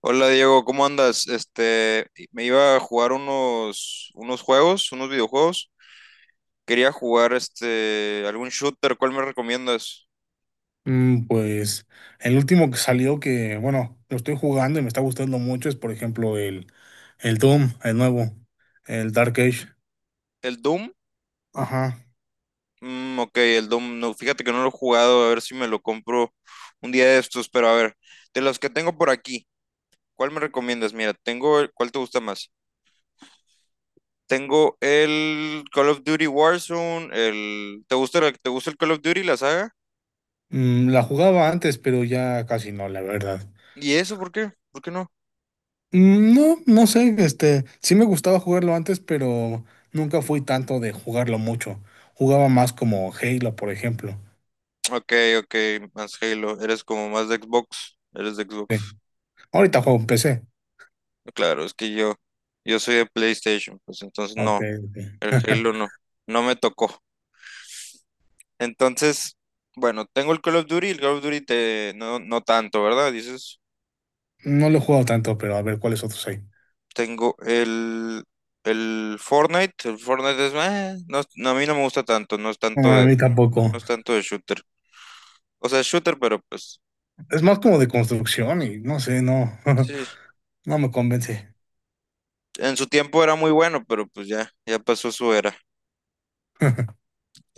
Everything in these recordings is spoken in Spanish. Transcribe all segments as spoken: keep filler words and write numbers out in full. Hola Diego, ¿cómo andas? Este, me iba a jugar unos, unos juegos, unos videojuegos. Quería jugar este, algún shooter, ¿cuál me recomiendas? Mm, Pues el último que salió que, bueno, lo estoy jugando y me está gustando mucho es, por ejemplo, el, el Doom, el nuevo, el Dark Age. ¿El Doom? Ajá. Mm, ok, el Doom, no, fíjate que no lo he jugado, a ver si me lo compro un día de estos, pero a ver, de los que tengo por aquí, ¿cuál me recomiendas? Mira, tengo, el- ¿cuál te gusta más? Tengo el Call of Duty Warzone, el, ¿te gusta, el- te gusta el Call of Duty, la saga? Mm, la jugaba antes, pero ya casi no, la verdad. ¿Y eso por qué? ¿Por qué no? Mm, no, no sé, este, sí me gustaba jugarlo antes, pero nunca fui tanto de jugarlo mucho. Jugaba más como Halo, por ejemplo. Ok, ok, más Halo. Eres como más de Xbox. Eres de Sí. Xbox. Ahorita juego en P C. Claro, es que yo, yo soy de PlayStation, pues entonces Ok, no, ok. el Halo no, no me tocó. Entonces, bueno, tengo el Call of Duty, el Call of Duty te, no, no tanto, ¿verdad? Dices, No lo he jugado tanto, pero a ver cuáles otros hay. tengo el, el Fortnite, el Fortnite es, "Meh", no, no, a mí no me gusta tanto, no es tanto Ah, a de, mí no tampoco. es tanto de shooter. O sea, es shooter, pero pues, Es más como de construcción y no sé, no, sí, no me convence. en su tiempo era muy bueno, pero pues ya, ya pasó su era.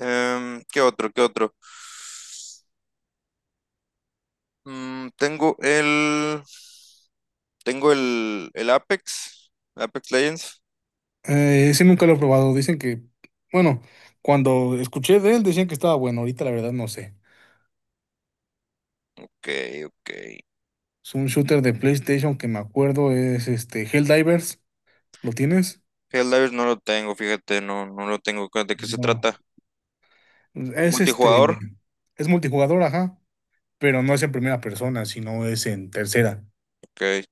Em, ¿qué otro? ¿Qué otro? Mm, tengo el. Tengo el, el Apex. Apex Legends. Eh, sí, nunca lo he probado. Dicen que, bueno, cuando escuché de él decían que estaba bueno. Ahorita la verdad no sé. Ok, ok. Es un shooter de PlayStation que me acuerdo es este Helldivers. ¿Lo tienes? Helldivers no lo tengo, fíjate, no, no lo tengo. ¿De qué se No. trata? Es este, ¿Multijugador? es multijugador, ajá, pero no es en primera persona, sino es en tercera. Ok.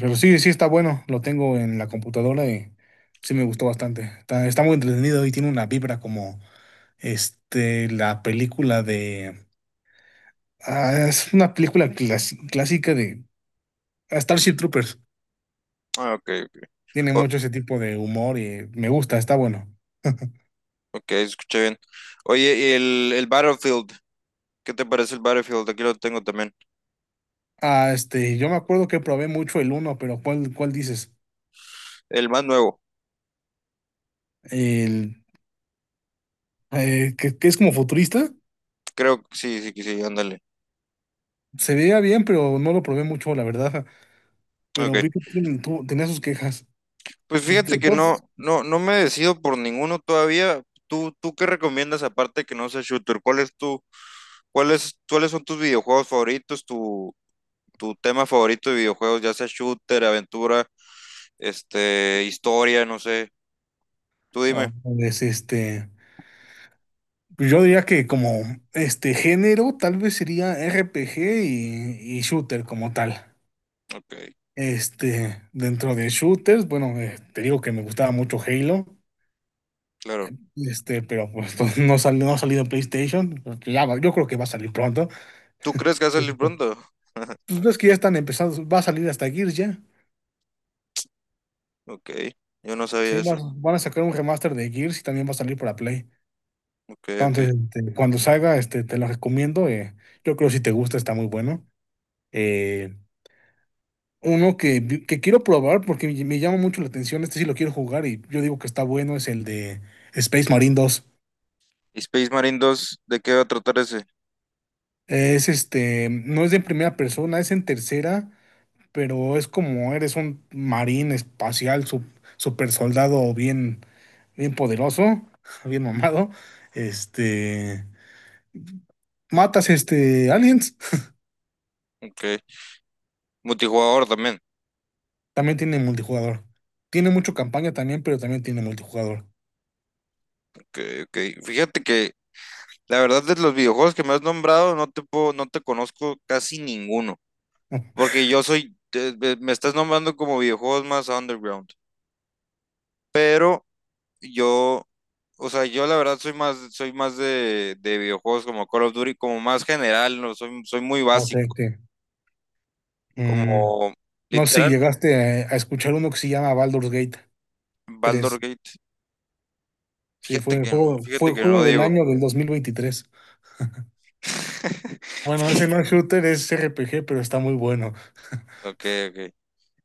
Pero sí, sí está bueno. Lo tengo en la computadora y sí me gustó bastante. Está, está muy entretenido y tiene una vibra como este, la película de ah, es una película clas- clásica de ah, Starship Troopers. Ah, ok, ok. Tiene O- mucho ese tipo de humor y me gusta, está bueno. ok, escuché bien. Oye, y el, el Battlefield. ¿Qué te parece el Battlefield? Aquí lo tengo también. Ah, este, yo me acuerdo que probé mucho el uno, pero ¿cuál, cuál dices? El más nuevo. El eh, que, que es como futurista. Creo que sí, sí, que sí, ándale. Se veía bien, pero no lo probé mucho, la verdad. Ok. Pero vi que tiene- tu- tenía sus quejas. Pues fíjate que no, no, no me decido por ninguno todavía. ¿Tú, tú qué recomiendas aparte que no sea shooter? ¿Cuál es tu ¿Cuáles, cuáles son tus videojuegos favoritos, tu, tu tema favorito de videojuegos, ya sea shooter, aventura, este, historia, no sé? Tú dime. Ah, pues este, pues yo diría que como este género tal vez sería R P G y, y shooter como tal. Ok, Este, dentro de shooters, bueno, eh, te digo que me gustaba mucho Halo, claro. este, pero pues, pues, no salió, no ha salido en PlayStation, porque ya va- yo creo que va a salir pronto. ¿Tú crees que va a salir Pues pronto? ves que ya están empezando, va a salir hasta Gears ya. Ok, yo no sabía Sí, va- eso. van a sacar un remaster de Gears y también va a salir para Play. Ok, ok. Entonces, este, cuando salga, este, te lo recomiendo. Eh, yo creo que si te gusta está muy bueno. Eh, Uno que, vi- que quiero probar porque me, me llama mucho la atención, este sí lo quiero jugar y yo digo que está bueno, es el de Space Marine dos. ¿Y Space Marine dos, de qué va a tratar ese? Es este, no es de primera persona, es en tercera, pero es como eres un marín espacial, sup- super soldado bien, bien poderoso, bien mamado. Este, matas este aliens, Ok. Multijugador también. también tiene multijugador. Tiene mucho campaña también, pero también tiene multijugador. Ok, ok. Fíjate que la verdad de los videojuegos que me has nombrado, no te puedo, no te conozco casi ninguno. Oh, Porque yo soy, te- me me estás nombrando como videojuegos más underground. Pero Yo, o sea, yo la verdad soy más, soy más de, de videojuegos como Call of Duty, como más general, no, soy, soy muy ok, básico, ok. como No sé si literal, llegaste a, a escuchar uno que se llama Baldur's Gate Baldur's tres Gate. Sí, fue Fíjate el que no, juego, fíjate fue que no, juego del Diego. año del dos mil veintitrés. Bueno, ese no es shooter, es R P G, pero está muy bueno. Ok, ok.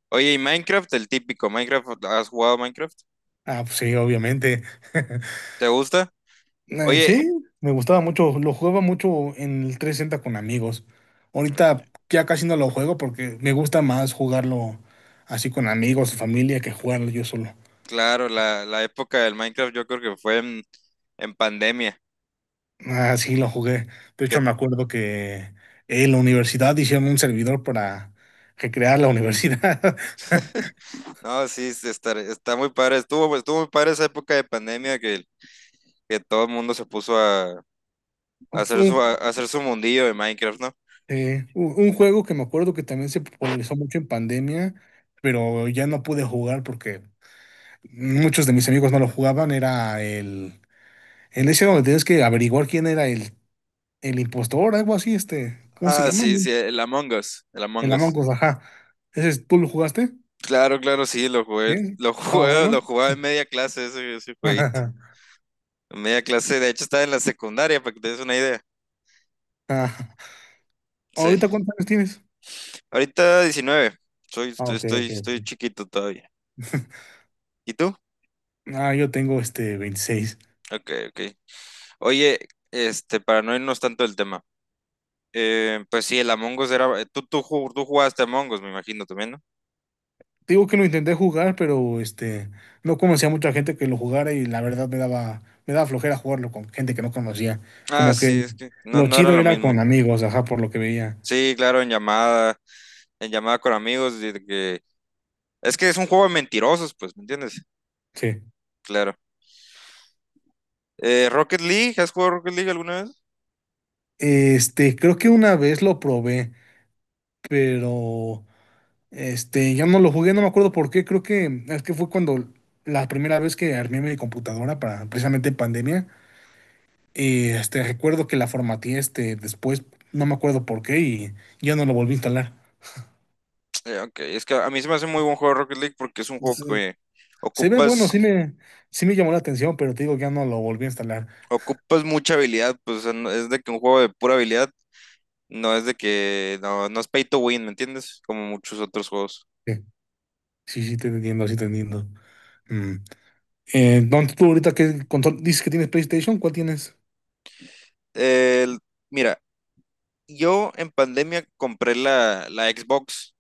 Oye, ¿y Minecraft? El típico, Minecraft, ¿has jugado Minecraft? Ah, pues sí, obviamente. ¿Te gusta? Eh, Oye, Sí, me gustaba mucho, lo jugaba mucho en el trescientos sesenta con amigos. Ahorita ya casi no lo juego porque me gusta más jugarlo así con amigos, familia, que jugarlo yo solo. claro, la, la época del Minecraft yo creo que fue en, en pandemia. Ah, sí, lo jugué. De hecho, que- me acuerdo que en la universidad hicieron un servidor para recrear la universidad. No, sí, sí, está, está muy padre. Estuvo, estuvo muy padre esa época de pandemia que que todo el mundo se puso a, a hacer su, a Un, hacer su mundillo de Minecraft, ¿no? eh, un- un juego que me acuerdo que también se popularizó mucho en pandemia, pero ya no pude jugar porque muchos de mis amigos no lo jugaban. Era el, el ese donde tienes que averiguar quién era el, el impostor, algo así, este, ¿cómo se Ah, llama? sí, ¿No? sí, el Among Us, el Among El Us. Among Us, ajá. Ese, es- ¿tú lo jugaste? Claro, claro, sí, lo jugué, ¿Bien? lo Ah, jugué, lo ¿bueno? jugaba en media clase ese, ese jueguito. En media clase, de hecho estaba en la secundaria, para que te des una idea. Ah, Sí. ¿ahorita cuántos años tienes? Ahorita diecinueve. Soy, Ah, estoy, ok, estoy, ok, ok. estoy chiquito todavía. ¿Y tú? Ah, yo tengo este veintiséis. Ok, ok. Oye, este, para no irnos tanto del tema. eh, pues sí, el Among Us era. Tú, tú, ju- tú jugaste Among Us, me imagino también, ¿no? Digo que lo intenté jugar, pero este no conocía mucha gente que lo jugara y la verdad me daba, me daba flojera jugarlo con gente que no conocía. Ah, Como sí, que es que no, lo no era chido lo era mismo. con amigos, ajá, por lo que veía. Sí, claro, en llamada, en llamada con amigos, de que es que es un juego de mentirosos, pues, ¿me entiendes? Sí. Claro. Eh, Rocket League, ¿has jugado Rocket League alguna vez? Este, creo que una vez lo probé, pero este, ya no lo jugué, no me acuerdo por qué. Creo que es que fue cuando la primera vez que armé mi computadora para precisamente en pandemia. Y este, recuerdo que la formateé este, después, no me acuerdo por qué, y ya no lo volví a instalar. Eh, ok, es que a mí se me hace muy buen juego Rocket League porque es un juego Se, que se ve bueno, sí ocupas, me, sí me llamó la atención, pero te digo que ya no lo volví a instalar. ocupas mucha habilidad, pues, o sea, no- es de que un juego de pura habilidad, no es de que, no, no es pay to win, ¿me entiendes? Como muchos otros juegos. Sí, sí, sí, te entiendo, sí, te entiendo. Mm. Eh, don, tú ahorita qué control dices que tienes PlayStation, ¿cuál tienes? El- mira, yo en pandemia compré la, la Xbox.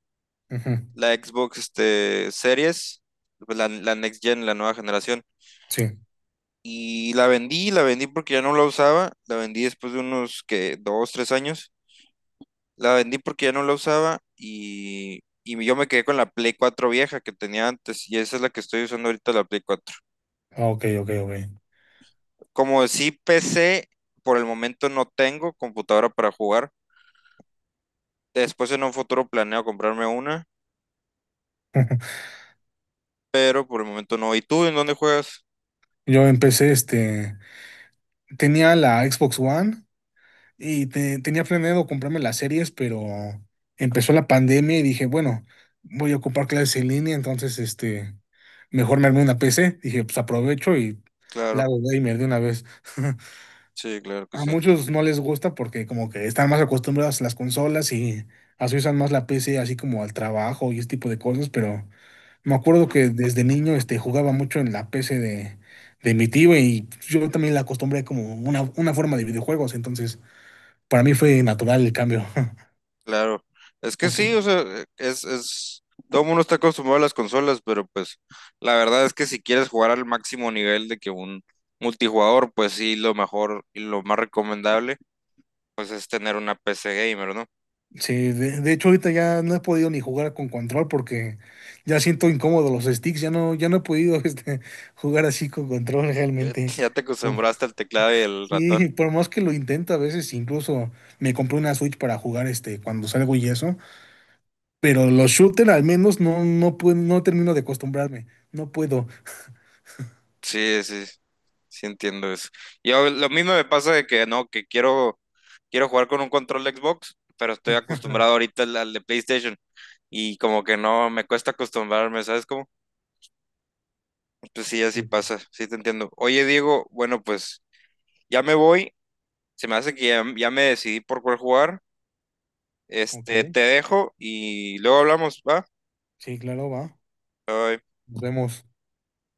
Ujú, La Xbox este, Series, pues, la, la Next Gen, la nueva generación. sí. Y la vendí, la vendí porque ya no la usaba, la vendí después de unos que dos, tres años, la vendí porque ya no la usaba y, y yo me quedé con la Play cuatro vieja que tenía antes y esa es la que estoy usando ahorita, la Play cuatro. Ah, ok, ok, ok. Como sí P C, por el momento no tengo computadora para jugar, después en un futuro planeo comprarme una, pero por el momento no. ¿Y tú en dónde juegas? Yo empecé, este, tenía la Xbox One. Y te- tenía planeado comprarme las series, pero empezó la pandemia y dije, bueno, voy a ocupar clases en línea, entonces este, mejor me armé una P C. Dije, pues aprovecho y la Claro, hago gamer de una vez. sí, claro que A sí. muchos no les gusta porque como que están más acostumbrados a las consolas y así usan más la P C así como al trabajo y ese tipo de cosas, pero me acuerdo que desde niño este, jugaba mucho en la P C de, de mi tío y yo también la acostumbré como una, una forma de videojuegos, entonces para mí fue natural el cambio. Claro, es que sí, o Okay. sea, eh, es, es, todo el mundo está acostumbrado a las consolas, pero pues la verdad es que si quieres jugar al máximo nivel de que un multijugador, pues sí, lo mejor y lo más recomendable, pues es tener una P C gamer, ¿no? Sí, de, de hecho ahorita ya no he podido ni jugar con control porque ya siento incómodo los sticks, ya no, ya no he podido este, jugar así con control Ya, realmente. ya te Uf, acostumbraste al teclado y el ratón. sí, por más que lo intento a veces, incluso me compré una Switch para jugar este cuando salgo y eso, pero los shooters al menos no, no puedo, no termino de acostumbrarme, no puedo. Sí, sí, sí entiendo eso. Yo lo mismo me pasa de que no, que quiero, quiero jugar con un control de Xbox, pero estoy acostumbrado ahorita al, al de PlayStation y como que no, me cuesta acostumbrarme, ¿sabes cómo? Pues sí, así Sí, pasa, sí te entiendo. Oye, Diego, bueno, pues ya me voy, se me hace que ya, ya me decidí por cuál jugar. Este, ok. te dejo y luego hablamos, ¿va? Sí, claro, va. Bye. Nos vemos.